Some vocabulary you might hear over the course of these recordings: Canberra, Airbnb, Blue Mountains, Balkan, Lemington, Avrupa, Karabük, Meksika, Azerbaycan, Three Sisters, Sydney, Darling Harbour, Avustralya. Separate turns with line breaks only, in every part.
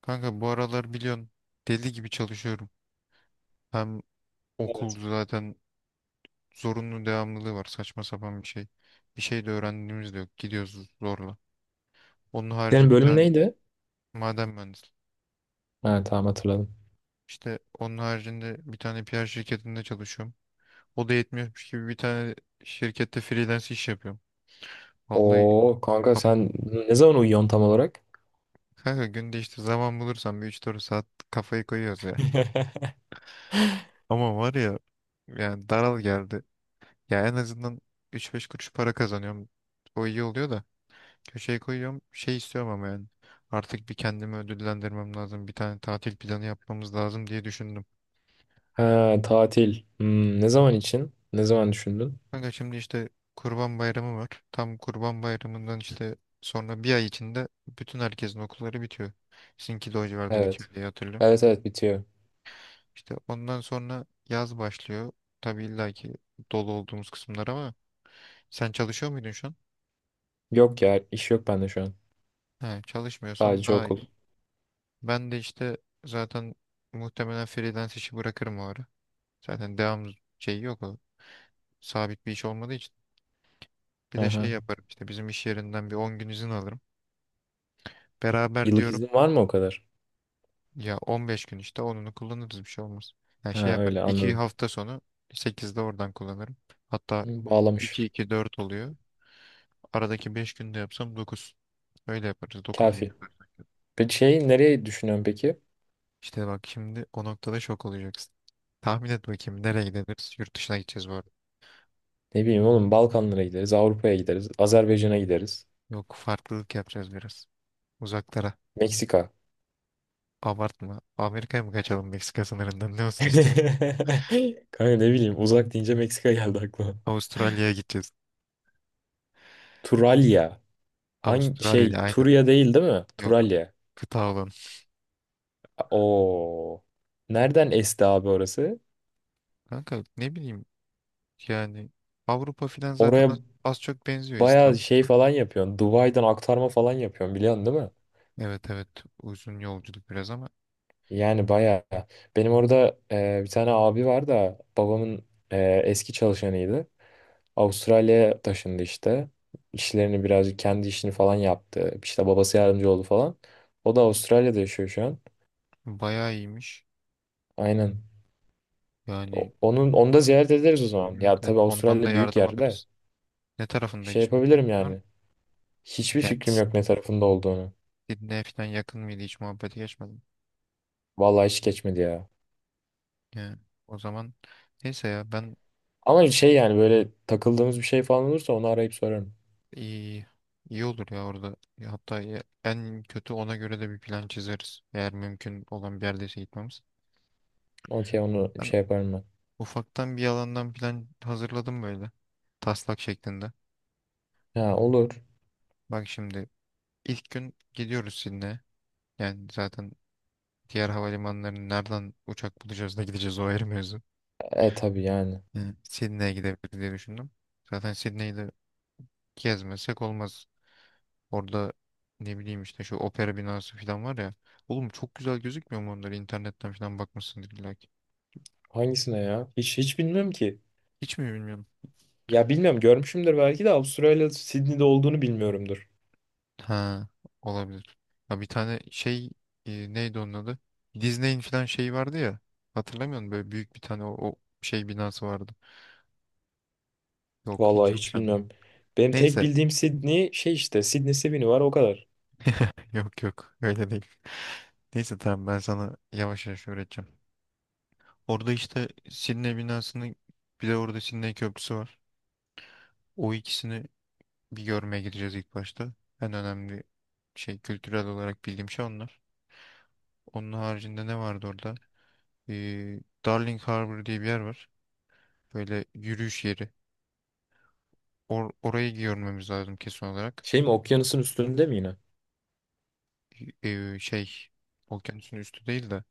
Kanka bu aralar biliyorsun deli gibi çalışıyorum. Hem okul
Evet.
zaten zorunlu devamlılığı var, saçma sapan bir şey. Bir şey de öğrendiğimiz de yok. Gidiyoruz zorla. Onun harici
Senin
bir
bölüm
tane
neydi?
maden mühendisi.
Ha, tamam hatırladım.
İşte onun haricinde bir tane PR şirketinde çalışıyorum. O da yetmiyormuş gibi bir tane şirkette freelance iş yapıyorum. Vallahi
Oo kanka
kap-
sen ne zaman uyuyorsun tam olarak?
kanka günde işte zaman bulursam bir üç dört saat kafayı koyuyoruz ya. Ama var ya, yani daral geldi. Ya en azından üç beş kuruş para kazanıyorum. O iyi oluyor da. Köşeye koyuyorum. Şey istiyorum ama yani. Artık bir kendimi ödüllendirmem lazım. Bir tane tatil planı yapmamız lazım diye düşündüm.
Ha, tatil. Hmm, ne zaman için? Ne zaman düşündün?
Kanka şimdi işte Kurban Bayramı var. Tam Kurban Bayramı'ndan işte sonra bir ay içinde bütün herkesin okulları bitiyor. Sizinki de o civarda bitiyor
Evet.
diye hatırlıyorum.
Evet, evet bitiyor.
İşte ondan sonra yaz başlıyor. Tabii illa ki dolu olduğumuz kısımlar ama sen çalışıyor muydun şu an?
Yok ya iş yok bende şu an.
He, çalışmıyorsan
Sadece
daha
okul.
iyi. Ben de işte zaten muhtemelen freelance işi bırakırım o ara. Zaten devam şeyi yok, sabit bir iş olmadığı için bir de şey
Aha.
yaparım, işte bizim iş yerinden bir 10 gün izin alırım. Beraber
Yıllık
diyorum,
iznin var mı o kadar?
ya 15 gün işte onunu kullanırız, bir şey olmaz. Yani şey
Ha,
yaparım,
öyle
iki
anladım.
hafta sonu sekizde oradan kullanırım. Hatta
Hı,
iki
bağlamış.
iki dört oluyor. Aradaki 5 günde yapsam dokuz. Öyle yaparız, 9 gün
Kafi.
yaparız.
Peki şey nereye düşünüyorsun peki?
İşte bak şimdi o noktada şok olacaksın. Tahmin et bakayım nereye gideriz? Yurt dışına gideceğiz bu arada.
Ne bileyim oğlum Balkanlara gideriz, Avrupa'ya gideriz, Azerbaycan'a gideriz.
Yok, farklılık yapacağız biraz. Uzaklara.
Meksika.
Abartma. Amerika'ya mı kaçalım Meksika sınırından? Ne olsun istiyorsun?
Kanka ne bileyim uzak deyince Meksika geldi aklıma.
Avustralya'ya gideceğiz.
Turalya. Hangi
Avustralya
şey
aynen.
Turya değil, değil mi?
Yok.
Turalya.
Kıta olan.
Oo. Nereden esti abi orası?
Kanka ne bileyim, yani Avrupa filan zaten
Oraya
az, az çok benziyor
bayağı
İstanbul.
şey falan yapıyorsun. Dubai'den aktarma falan yapıyorsun biliyorsun değil mi?
Evet evet, uzun yolculuk biraz ama
Yani bayağı. Benim orada bir tane abi var da babamın eski çalışanıydı. Avustralya'ya taşındı işte. İşlerini birazcık kendi işini falan yaptı. İşte babası yardımcı oldu falan. O da Avustralya'da yaşıyor şu an.
bayağı iyiymiş.
Aynen.
Yani
Onu da ziyaret ederiz o zaman.
evet
Ya
evet,
tabii
ondan da
Avustralya büyük
yardım
yerde.
alırız. Ne tarafında
Şey
hiçbir fikrin
yapabilirim
var mı?
yani. Hiçbir
Yani
fikrim yok ne tarafında olduğunu.
Sydney'e falan yakın mıydı, hiç muhabbete geçmedim.
Vallahi hiç geçmedi ya.
Yani o zaman neyse, ya ben.
Ama şey yani böyle takıldığımız bir şey falan olursa onu arayıp sorarım.
İyi, iyi olur ya orada. Ya hatta en kötü ona göre de bir plan çizeriz. Eğer mümkün olan bir yerdeyse gitmemiz.
Okey onu
Ben
şey yaparım ben.
ufaktan bir alandan plan hazırladım böyle. Taslak şeklinde.
Ha olur.
Bak şimdi ilk gün gidiyoruz Sydney'e. Yani zaten diğer havalimanlarını nereden uçak bulacağız da gideceğiz, o ayrı mevzu.
E tabii yani.
Yani Sydney'e gidebiliriz diye düşündüm. Zaten Sydney'i de gezmesek olmaz. Orada ne bileyim işte şu opera binası falan var ya. Oğlum çok güzel gözükmüyor mu onları? İnternetten falan bakmışsındır illa ki.
Hangisine ya? Hiç hiç bilmiyorum ki.
Hiç mi bilmiyorum.
Ya bilmiyorum görmüşümdür belki de Avustralya Sydney'de olduğunu bilmiyorumdur.
Ha, olabilir. Ya bir tane şey, neydi onun adı? Disney'in falan şeyi vardı ya. Hatırlamıyor musun? Böyle büyük bir tane o şey binası vardı. Yok, hiç
Vallahi
yok
hiç
sende.
bilmiyorum. Benim tek
Neyse,
bildiğim Sydney şey işte Sydney Sydney var o kadar.
yok yok öyle değil. Neyse tamam, ben sana yavaş yavaş öğreteceğim. Orada işte Sidney binasını, bir de orada Sidney Köprüsü var. O ikisini bir görmeye gideceğiz ilk başta. En önemli şey, kültürel olarak bildiğim şey onlar. Onun haricinde ne vardı orada? Ee, Darling Harbour diye bir yer var. Böyle yürüyüş yeri. Orayı görmemiz lazım kesin olarak.
Şey mi okyanusun üstünde mi yine?
Şey, okyanusun üstü değil de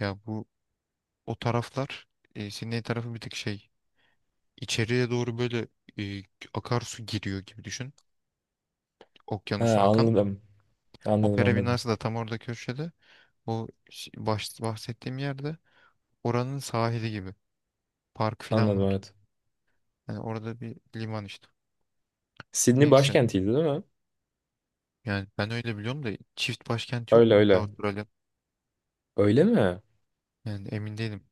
ya bu o taraflar, Sydney tarafı bir tık şey, içeriye doğru böyle e, akarsu giriyor gibi düşün.
Ha,
Okyanusu akan.
anladım. Anladım,
Opera
anladım.
binası da tam orada köşede. O bahsettiğim yerde, oranın sahili gibi. Park falan
Anladım
var.
evet.
Yani orada bir liman işte.
Sydney
Neyse.
başkentiydi değil mi?
Yani ben öyle biliyorum da çift başkent yok
Öyle
mu ya
öyle.
Avustralya?
Öyle mi?
Yani emin değilim.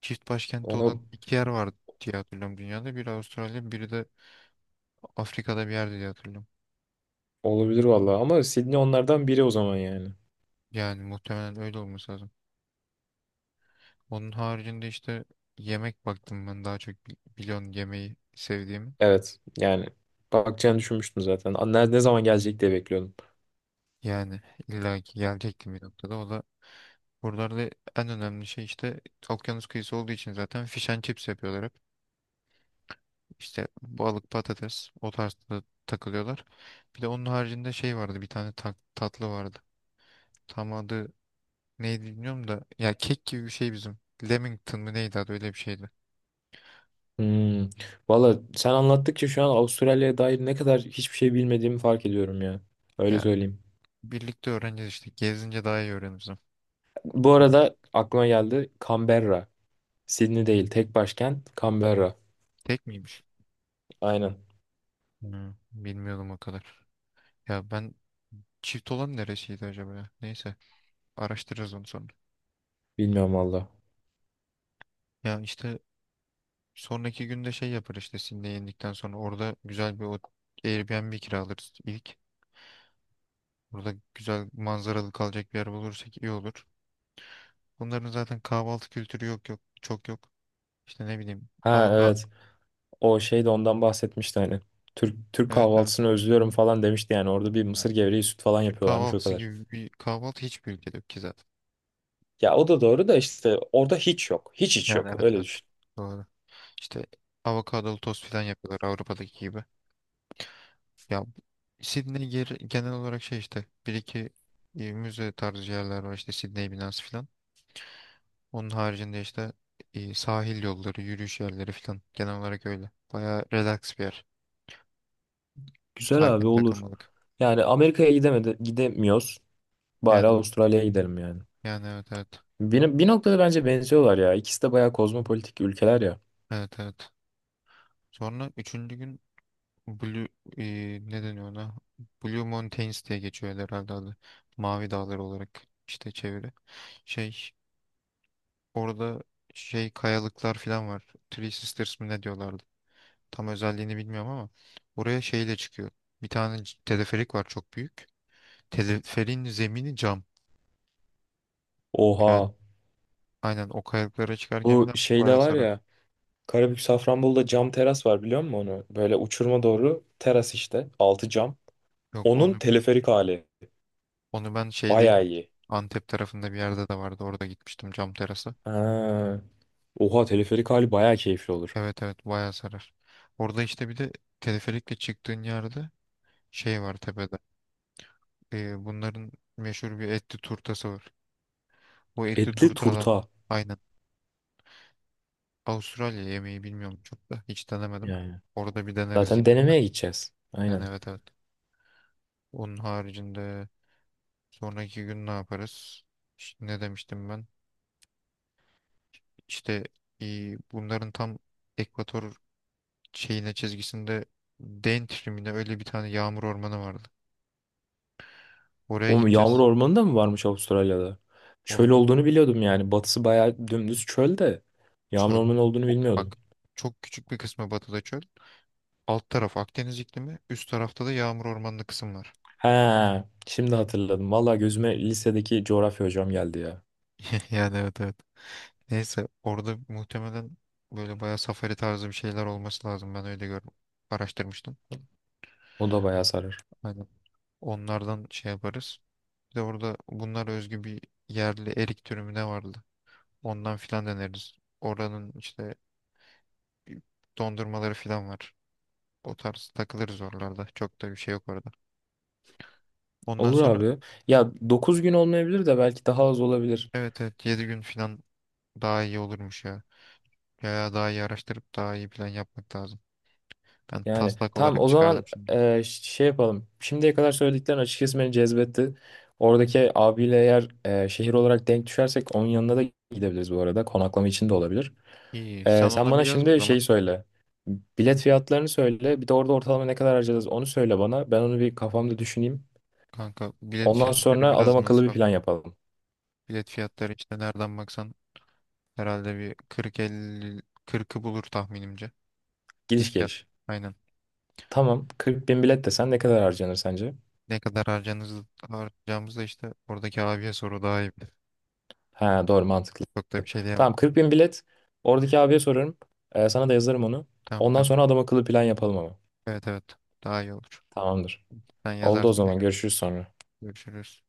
Çift başkenti
Ona
olan iki yer vardı diye hatırlıyorum dünyada. Biri Avustralya, biri de Afrika'da bir yerde diye hatırlıyorum.
olabilir vallahi ama Sydney onlardan biri o zaman yani.
Yani muhtemelen öyle olması lazım. Onun haricinde işte yemek baktım ben, daha çok biliyorsun yemeği sevdiğimi.
Evet yani bakacağını düşünmüştüm zaten. Ne zaman gelecek diye bekliyordum.
Yani illa ki gelecektim bir noktada. O da buralarda en önemli şey, işte okyanus kıyısı olduğu için zaten fish and chips yapıyorlar hep. İşte balık patates, o tarzda takılıyorlar. Bir de onun haricinde şey vardı, bir tane tatlı vardı. Tam adı neydi bilmiyorum da ya kek gibi bir şey bizim. Lemington mı neydi adı, öyle bir şeydi.
Hmm. Valla sen anlattıkça şu an Avustralya'ya dair ne kadar hiçbir şey bilmediğimi fark ediyorum ya. Öyle
Ya
söyleyeyim.
birlikte öğreneceğiz işte, gezince daha iyi öğreniriz. Ama.
Bu arada aklıma geldi Canberra. Sydney değil tek başkent Canberra.
Tek miymiş?
Aynen.
Hı, bilmiyordum o kadar. Ya ben çift olan neresiydi acaba ya? Neyse, araştırırız onu sonra.
Bilmiyorum valla.
Ya işte sonraki günde şey yapar, işte Sydney'e indikten sonra orada güzel bir Airbnb kiralarız ilk. Burada güzel manzaralı kalacak bir yer bulursak iyi olur. Bunların zaten kahvaltı kültürü yok yok. Çok yok. İşte ne bileyim,
Ha evet.
avokado.
O şey de ondan bahsetmişti hani. Türk
Evet evet.
kahvaltısını özlüyorum falan demişti yani. Orada bir mısır gevreği süt falan
Türk
yapıyorlarmış o
kahvaltısı
kadar.
gibi bir kahvaltı hiçbir ülkede yok ki zaten.
Ya o da doğru da işte orada hiç yok. Hiç hiç
Yani
yok.
evet
Öyle
evet.
düşün.
Doğru. İşte avokadolu tost falan yapıyorlar, Avrupa'daki gibi. Ya Sydney genel olarak şey, işte bir iki müze tarzı yerler var işte, Sydney binası falan. Onun haricinde işte sahil yolları, yürüyüş yerleri falan, genel olarak öyle. Bayağı relax bir yer.
Güzel abi
Sakin
olur.
takılmalık.
Yani Amerika'ya gidemedi, gidemiyoruz. Bari
Yani
Avustralya'ya gidelim yani.
yani evet evet.
Bir noktada bence benziyorlar ya. İkisi de bayağı kozmopolitik ülkeler ya.
Evet evet. Sonra üçüncü gün Blue, e, ne deniyor ona? Blue Mountains diye geçiyor herhalde adı. Mavi dağlar olarak işte çeviri. Şey, orada şey kayalıklar falan var. Three Sisters mi ne diyorlardı? Tam özelliğini bilmiyorum ama oraya şeyle çıkıyor. Bir tane teleferik var çok büyük. Teleferin zemini cam. Yani
Oha.
aynen o kayalıklara çıkarken
Bu
falan
şeyde
bayağı
var
sarar.
ya. Karabük Safranbolu'da cam teras var biliyor musun onu? Böyle uçuruma doğru teras işte. Altı cam.
Yok
Onun
onu.
teleferik hali.
Onu ben şeyde
Bayağı
gitmiştim.
iyi.
Antep tarafında bir yerde de vardı. Orada gitmiştim cam terası.
Ha. Oha teleferik hali bayağı keyifli olur.
Evet evet, bayağı sarar. Orada işte bir de teleferikle çıktığın yerde şey var tepede. Bunların meşhur bir etli turtası var. Bu etli
Etli
turtadan
turta.
aynen. Avustralya yemeği bilmiyorum, çok da hiç denemedim.
Yani.
Orada bir deneriz
Zaten
yine de.
denemeye gideceğiz.
Yani
Aynen.
evet evet. Onun haricinde sonraki gün ne yaparız? İşte ne demiştim ben? İşte bunların tam ekvator şeyine çizgisinde Dane trimine öyle bir tane yağmur ormanı vardı. Oraya
O yağmur
gideceğiz.
ormanı da mı varmış Avustralya'da? Çöl
Oğlum
olduğunu biliyordum yani. Batısı bayağı dümdüz çöl de. Yağmur
çöl.
ormanı olduğunu
Bak
bilmiyordum.
çok küçük bir kısmı batıda çöl. Alt taraf Akdeniz iklimi. Üst tarafta da yağmur ormanlı kısım var.
He, şimdi hatırladım. Valla gözüme lisedeki coğrafya hocam geldi ya.
Yani evet evet. Neyse orada muhtemelen böyle bayağı safari tarzı bir şeyler olması lazım. Ben öyle gördüm. Araştırmıştım.
O da bayağı sarar.
Aynen. Onlardan şey yaparız. Bir de orada bunlara özgü bir yerli erik türü mü ne vardı? Ondan filan deneriz. Oranın işte dondurmaları falan var. O tarz takılırız oralarda. Çok da bir şey yok orada. Ondan
Olur
sonra
abi. Ya 9 gün olmayabilir de belki daha az olabilir.
evet evet, 7 gün falan daha iyi olurmuş ya. Ya daha iyi araştırıp daha iyi plan yapmak lazım. Ben
Yani
taslak
tamam
olarak
o zaman
çıkardım şimdi.
şey yapalım. Şimdiye kadar söylediklerin açıkçası beni cezbetti. Oradaki abiyle eğer şehir olarak denk düşersek onun yanına da gidebiliriz bu arada. Konaklama için de olabilir.
İyi, sen
E, sen
ona bir
bana
yaz o
şimdi
zaman.
şeyi söyle. Bilet fiyatlarını söyle. Bir de orada ortalama ne kadar harcarız onu söyle bana. Ben onu bir kafamda düşüneyim.
Kanka bilet
Ondan
fiyatları
sonra
biraz
adam akıllı bir plan
masraflı.
yapalım.
Bilet fiyatları işte nereden baksan herhalde bir 40 50 kırkı bulur tahminimce.
Gidiş
Git gel.
geliş.
Aynen.
Tamam, 40 bin bilet desen ne kadar harcanır sence?
Ne kadar harcanız, harcayacağımızı da işte oradaki abiye soru, daha iyi bilir.
Ha doğru mantıklı.
Çok da bir şey diyemem.
Tamam, 40 bin bilet. Oradaki abiye sorarım. Sana da yazarım onu.
Tamam
Ondan
tamam.
sonra adam akıllı plan yapalım ama.
Evet evet. Daha iyi olur.
Tamamdır.
Sen
Oldu o
yazarsın
zaman
tekrar.
görüşürüz sonra.
Görüşürüz.